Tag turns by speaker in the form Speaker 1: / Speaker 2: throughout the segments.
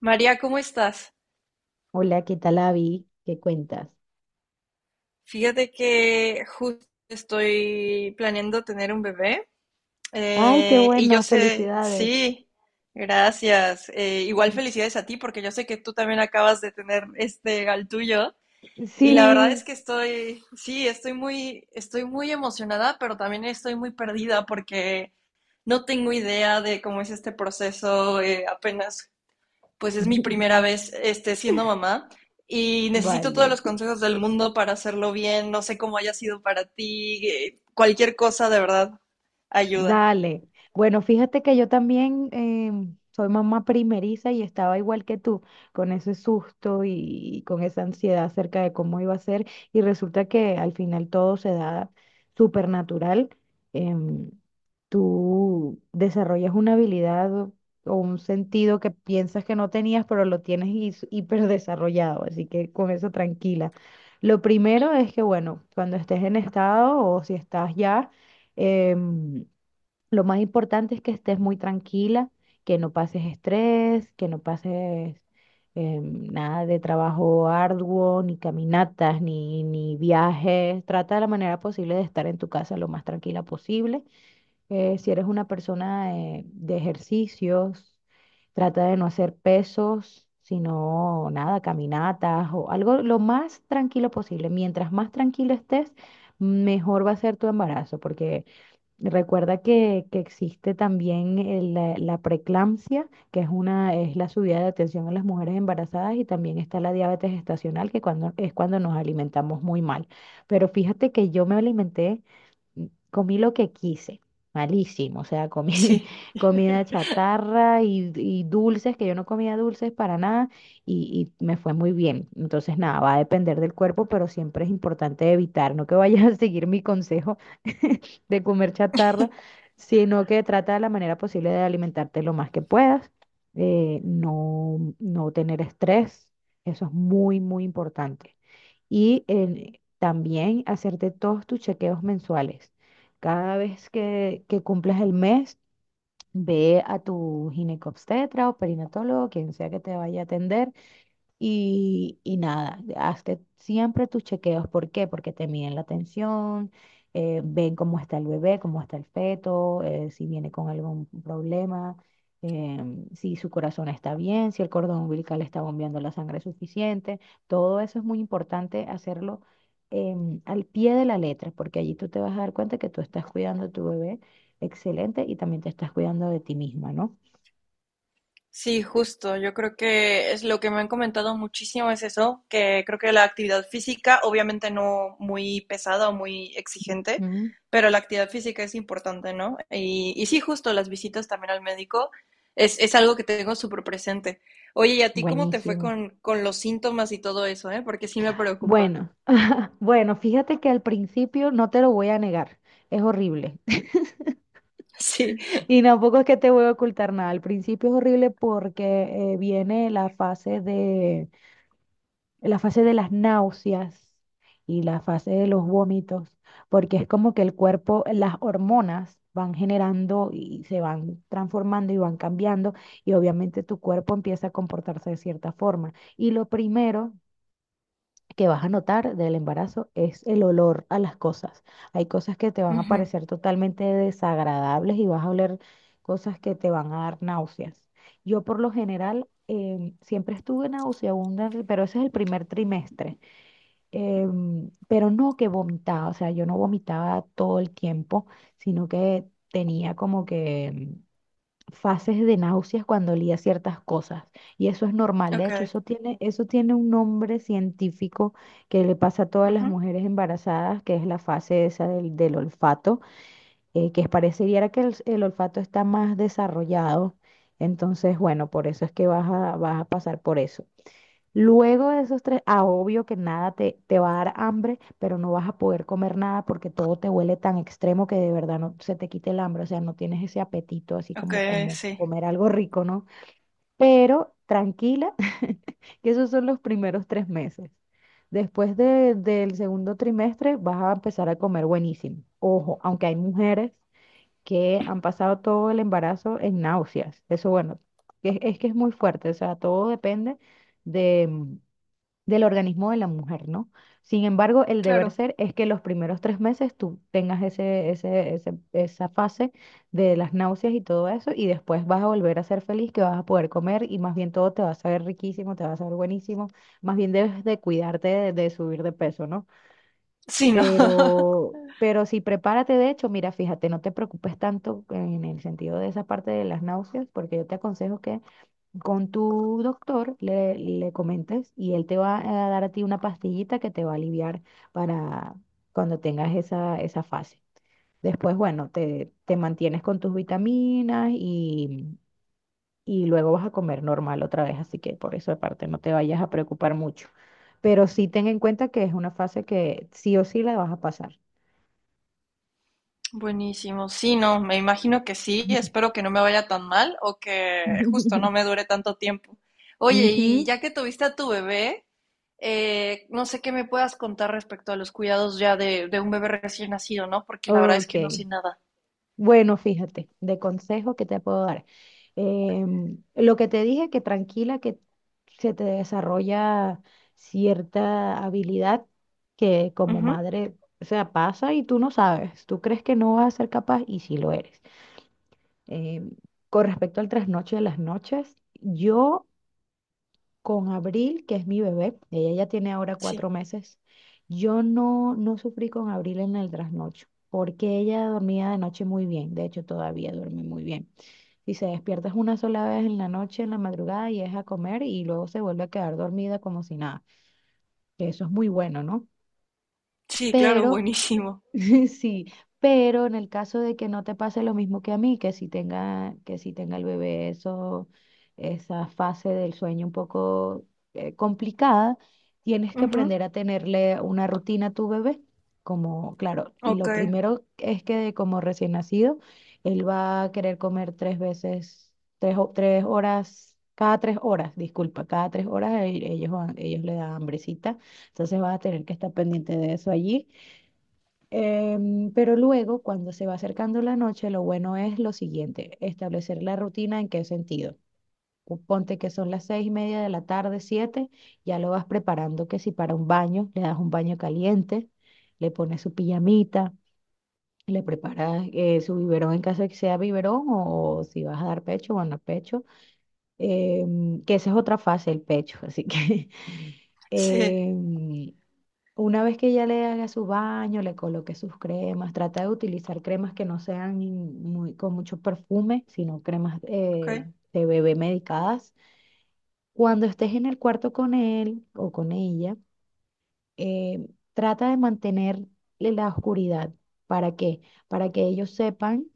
Speaker 1: María, ¿cómo estás?
Speaker 2: Hola, ¿qué tal, Avi? ¿Qué cuentas?
Speaker 1: Fíjate que justo estoy planeando tener un bebé,
Speaker 2: Ay, qué
Speaker 1: y yo
Speaker 2: bueno,
Speaker 1: sé,
Speaker 2: felicidades.
Speaker 1: sí, gracias. Igual felicidades a ti porque yo sé que tú también acabas de tener este al tuyo, y la verdad es
Speaker 2: Sí,
Speaker 1: que sí, estoy muy emocionada, pero también estoy muy perdida porque no tengo idea de cómo es este proceso. Apenas pues es mi primera vez siendo mamá, y necesito todos
Speaker 2: Vale.
Speaker 1: los consejos del mundo para hacerlo bien. No sé cómo haya sido para ti. Cualquier cosa de verdad ayuda.
Speaker 2: Dale. Bueno, fíjate que yo también soy mamá primeriza y estaba igual que tú, con ese susto y, con esa ansiedad acerca de cómo iba a ser. Y resulta que al final todo se da súper natural. Em, Tú desarrollas una habilidad o un sentido que piensas que no tenías, pero lo tienes hiper desarrollado. Así que con eso tranquila. Lo primero es que, bueno, cuando estés en estado o si estás ya... em, lo más importante es que estés muy tranquila, que no pases estrés, que no pases nada de trabajo arduo, ni caminatas, ni viajes. Trata de la manera posible de estar en tu casa lo más tranquila posible. Si eres una persona de ejercicios, trata de no hacer pesos, sino nada, caminatas o algo lo más tranquilo posible. Mientras más tranquila estés, mejor va a ser tu embarazo. Recuerda que existe también la preeclampsia, que es la subida de atención en las mujeres embarazadas, y también está la diabetes gestacional, es cuando nos alimentamos muy mal. Pero fíjate que yo me alimenté, mm, comí lo que quise, malísimo, o sea, comí
Speaker 1: Sí.
Speaker 2: comida chatarra y dulces, que yo no comía dulces para nada, y me fue muy bien. Entonces, nada, va a depender del cuerpo, pero siempre es importante evitar, no que vayas a seguir mi consejo de comer chatarra, sino que trata de la manera posible de alimentarte lo más que puedas, no tener estrés, eso es muy, muy importante. Y también hacerte todos tus chequeos mensuales. Cada vez que cumples el mes, ve a tu ginecobstetra o perinatólogo, quien sea que te vaya a atender y nada, hazte siempre tus chequeos. ¿Por qué? Porque te miden la tensión, ven cómo está el bebé, cómo está el feto, si viene con algún problema, eh, si su corazón está bien, si el cordón umbilical está bombeando la sangre suficiente. Todo eso es muy importante hacerlo al pie de la letra, porque allí tú te vas a dar cuenta que tú estás cuidando a tu bebé excelente y también te estás cuidando de ti misma, ¿no?
Speaker 1: Sí, justo. Yo creo que es lo que me han comentado muchísimo es eso, que creo que la actividad física, obviamente no muy pesada o muy exigente,
Speaker 2: Mm,
Speaker 1: pero la actividad física es importante, ¿no? Y sí, justo las visitas también al médico es algo que tengo súper presente. Oye, ¿y a ti cómo te fue
Speaker 2: buenísimo.
Speaker 1: con los síntomas y todo eso, eh? Porque sí me preocupa.
Speaker 2: Bueno. Bueno, fíjate que al principio no te lo voy a negar, es horrible.
Speaker 1: Sí.
Speaker 2: Y tampoco es que te voy a ocultar nada. Al principio es horrible porque viene la fase de las náuseas y la fase de los vómitos, porque es como que el cuerpo, las hormonas van generando y se van transformando y van cambiando y obviamente tu cuerpo empieza a comportarse de cierta forma. Y lo primero que vas a notar del embarazo es el olor a las cosas. Hay cosas que te van a
Speaker 1: Ujú.
Speaker 2: parecer totalmente desagradables y vas a oler cosas que te van a dar náuseas. Yo por lo general siempre estuve nauseabunda, pero ese es el primer trimestre. Pero no que vomitaba, o sea, yo no vomitaba todo el tiempo, sino que tenía como que fases de náuseas cuando olía ciertas cosas. Y eso es normal. De hecho,
Speaker 1: Ok.
Speaker 2: eso tiene un nombre científico que le pasa a todas las
Speaker 1: Ujú.
Speaker 2: mujeres embarazadas, que es la fase esa del olfato, que parecería que el olfato está más desarrollado. Entonces, bueno, por eso es que vas a pasar por eso. Luego de esos tres, obvio que nada te va a dar hambre, pero no vas a poder comer nada porque todo te huele tan extremo que de verdad no se te quite el hambre, o sea, no tienes ese apetito así
Speaker 1: Ok,
Speaker 2: como
Speaker 1: sí.
Speaker 2: comer algo rico, ¿no? Pero tranquila, que esos son los primeros 3 meses. Después del segundo trimestre vas a empezar a comer buenísimo. Ojo, aunque hay mujeres que han pasado todo el embarazo en náuseas. Eso, bueno, es que es muy fuerte, o sea, todo depende de del organismo de la mujer, ¿no? Sin embargo, el deber
Speaker 1: Claro.
Speaker 2: ser es que los primeros 3 meses tú tengas esa fase de las náuseas y todo eso, y después vas a volver a ser feliz, que vas a poder comer y más bien todo te va a saber riquísimo, te va a saber buenísimo, más bien debes de cuidarte de subir de peso, ¿no?
Speaker 1: Sí, ¿no?
Speaker 2: Pero sí, prepárate, de hecho, mira, fíjate, no te preocupes tanto en el sentido de esa parte de las náuseas, porque yo te aconsejo que con tu doctor, le comentes y él te va a dar a ti una pastillita que te va a aliviar para cuando tengas esa fase. Después, bueno, te mantienes con tus vitaminas y luego vas a comer normal otra vez, así que por esa parte no te vayas a preocupar mucho. Pero sí ten en cuenta que es una fase que sí o sí la vas a pasar.
Speaker 1: Buenísimo. Sí, no, me imagino que sí. Espero que no me vaya tan mal o que justo no me dure tanto tiempo. Oye, y
Speaker 2: Ujú.
Speaker 1: ya que tuviste a tu bebé, no sé qué me puedas contar respecto a los cuidados ya de un bebé recién nacido, ¿no? Porque la verdad es que no sé
Speaker 2: Ok.
Speaker 1: nada.
Speaker 2: Bueno, fíjate, de consejo que te puedo dar. Lo que te dije, que tranquila, que se te desarrolla cierta habilidad que como
Speaker 1: Ujú.
Speaker 2: madre, o sea, pasa y tú no sabes, tú crees que no vas a ser capaz y sí lo eres. Em, con respecto al trasnoche de las noches, yo con Abril, que es mi bebé, ella ya tiene ahora
Speaker 1: Sí,
Speaker 2: 4 meses, yo no sufrí con Abril en el trasnocho, porque ella dormía de noche muy bien, de hecho todavía duerme muy bien. Si se despierta es una sola vez en la noche, en la madrugada, y es a comer y luego se vuelve a quedar dormida como si nada, que eso es muy bueno, ¿no?
Speaker 1: sí, claro,
Speaker 2: Pero
Speaker 1: buenísimo.
Speaker 2: Sí, pero en el caso de que no te pase lo mismo que a mí, que si tenga el bebé eso, esa fase del sueño un poco complicada, tienes que
Speaker 1: Ujú.
Speaker 2: aprender a tenerle una rutina a tu bebé. Como, claro,
Speaker 1: Ok,
Speaker 2: lo primero es que como recién nacido, él va a querer comer tres veces, tres horas, cada cada tres horas ellos le dan hambrecita, entonces vas a tener que estar pendiente de eso allí. Pero luego, cuando se va acercando la noche, lo bueno es lo siguiente, establecer la rutina en qué sentido. Tú ponte que son las 6:30 de la tarde, siete, ya lo vas preparando que si para un baño, le das un baño caliente, le pones su pijamita, le preparas su biberón en caso de que sea biberón o, si vas a dar pecho, bueno, pecho, que esa es otra fase, el pecho, así que.
Speaker 1: sí,
Speaker 2: em, una vez que ya le haga su baño, le coloque sus cremas, trata de utilizar cremas que no sean con mucho perfume, sino cremas
Speaker 1: ok.
Speaker 2: de bebé medicadas. Cuando estés en el cuarto con él o con ella, eh, trata de mantener la oscuridad. ¿Para qué? Para que ellos sepan,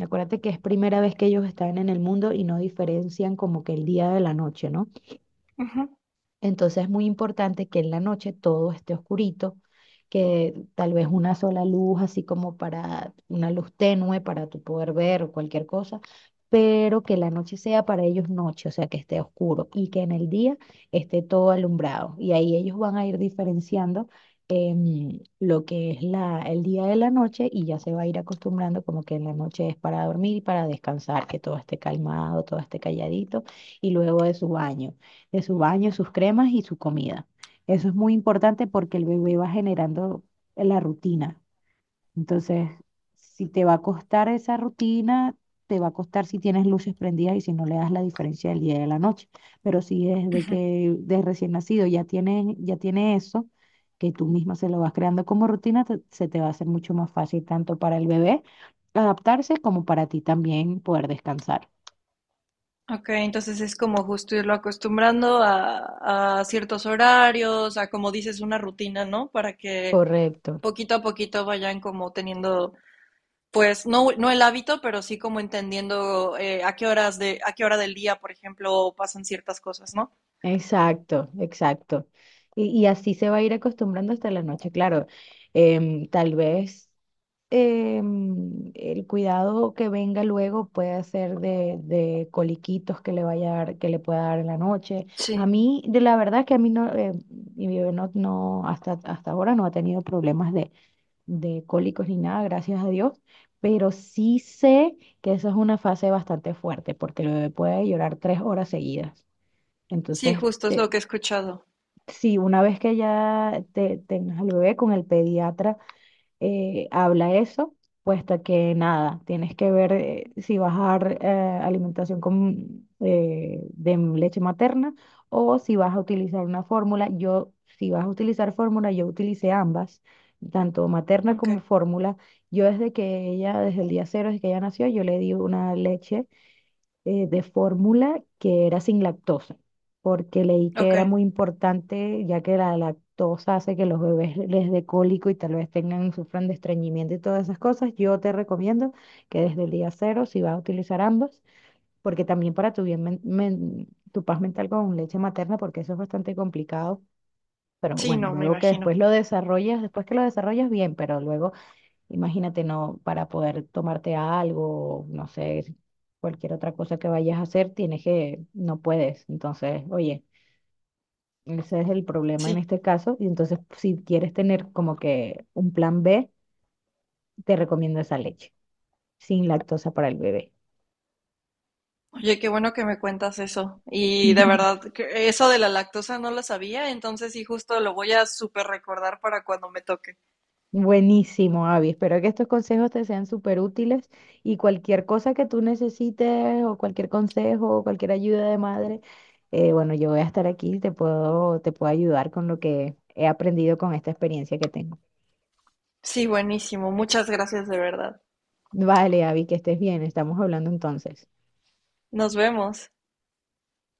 Speaker 2: acuérdate que es primera vez que ellos están en el mundo y no diferencian como que el día de la noche, ¿no?
Speaker 1: Ujú.
Speaker 2: Entonces es muy importante que en la noche todo esté oscurito, que tal vez una sola luz, así como para una luz tenue para tú poder ver o cualquier cosa, pero que la noche sea para ellos noche, o sea, que esté oscuro y que en el día esté todo alumbrado. Y ahí ellos van a ir diferenciando lo que es el día de la noche y ya se va a ir acostumbrando como que en la noche es para dormir y para descansar, que todo esté calmado, todo esté calladito y luego de su baño, sus cremas y su comida. Eso es muy importante porque el bebé va generando la rutina. Entonces, si te va a costar esa rutina, te va a costar si tienes luces prendidas y si no le das la diferencia del día y de la noche. Pero si desde que de recién nacido ya tiene eso, que tú misma se lo vas creando como rutina, se te va a hacer mucho más fácil tanto para el bebé adaptarse como para ti también poder descansar.
Speaker 1: Ok, entonces es como justo irlo acostumbrando a ciertos horarios, a como dices, una rutina, ¿no? Para que
Speaker 2: Correcto.
Speaker 1: poquito a poquito vayan como teniendo, pues no, no el hábito, pero sí como entendiendo, a qué hora del día, por ejemplo, pasan ciertas cosas, ¿no?
Speaker 2: Exacto, exacto. Y así se va a ir acostumbrando hasta la noche, claro. Tal vez el cuidado que venga luego puede ser de coliquitos que le vaya a dar, que le pueda dar en la noche. A
Speaker 1: Sí,
Speaker 2: mí, de la verdad que a mí no, mi bebé no hasta ahora no ha tenido problemas de cólicos ni nada, gracias a Dios. Pero sí sé que eso es una fase bastante fuerte, porque el bebé puede llorar 3 horas seguidas.
Speaker 1: sí,
Speaker 2: Entonces,
Speaker 1: justo es lo que he escuchado.
Speaker 2: sí, una vez que ya tengas al bebé con el pediatra, habla eso, puesto que nada, tienes que ver si vas a dar alimentación de leche materna o si vas a utilizar una fórmula. Yo, si vas a utilizar fórmula, yo utilicé ambas, tanto materna
Speaker 1: Ok,
Speaker 2: como fórmula. Yo desde que ella, Desde el día cero, desde que ella nació, yo le di una leche de fórmula que era sin lactosa, porque leí que
Speaker 1: ok.
Speaker 2: era muy importante, ya que la lactosa hace que los bebés les dé cólico y tal vez sufran de estreñimiento y todas esas cosas. Yo te recomiendo que desde el día cero, si vas a utilizar ambas, porque también para tu bien, tu paz mental con leche materna, porque eso es bastante complicado. Pero
Speaker 1: Sí,
Speaker 2: bueno,
Speaker 1: no, me
Speaker 2: luego que después
Speaker 1: imagino.
Speaker 2: lo desarrollas, después que lo desarrollas bien, pero luego. Imagínate, no, para poder tomarte algo, no sé, si cualquier otra cosa que vayas a hacer, no puedes. Entonces, oye, ese es el problema en
Speaker 1: Sí.
Speaker 2: este caso. Y entonces, si quieres tener como que un plan B, te recomiendo esa leche, sin lactosa para el bebé.
Speaker 1: Oye, qué bueno que me cuentas eso. Y de verdad, que eso de la lactosa no lo sabía, entonces sí, justo lo voy a súper recordar para cuando me toque.
Speaker 2: Buenísimo, Avi. Espero que estos consejos te sean súper útiles y cualquier cosa que tú necesites o cualquier consejo o cualquier ayuda de madre, bueno, yo voy a estar aquí te puedo ayudar con lo que he aprendido con esta experiencia que tengo.
Speaker 1: Sí, buenísimo. Muchas gracias de verdad.
Speaker 2: Vale, Avi, que estés bien. Estamos hablando entonces.
Speaker 1: Nos vemos.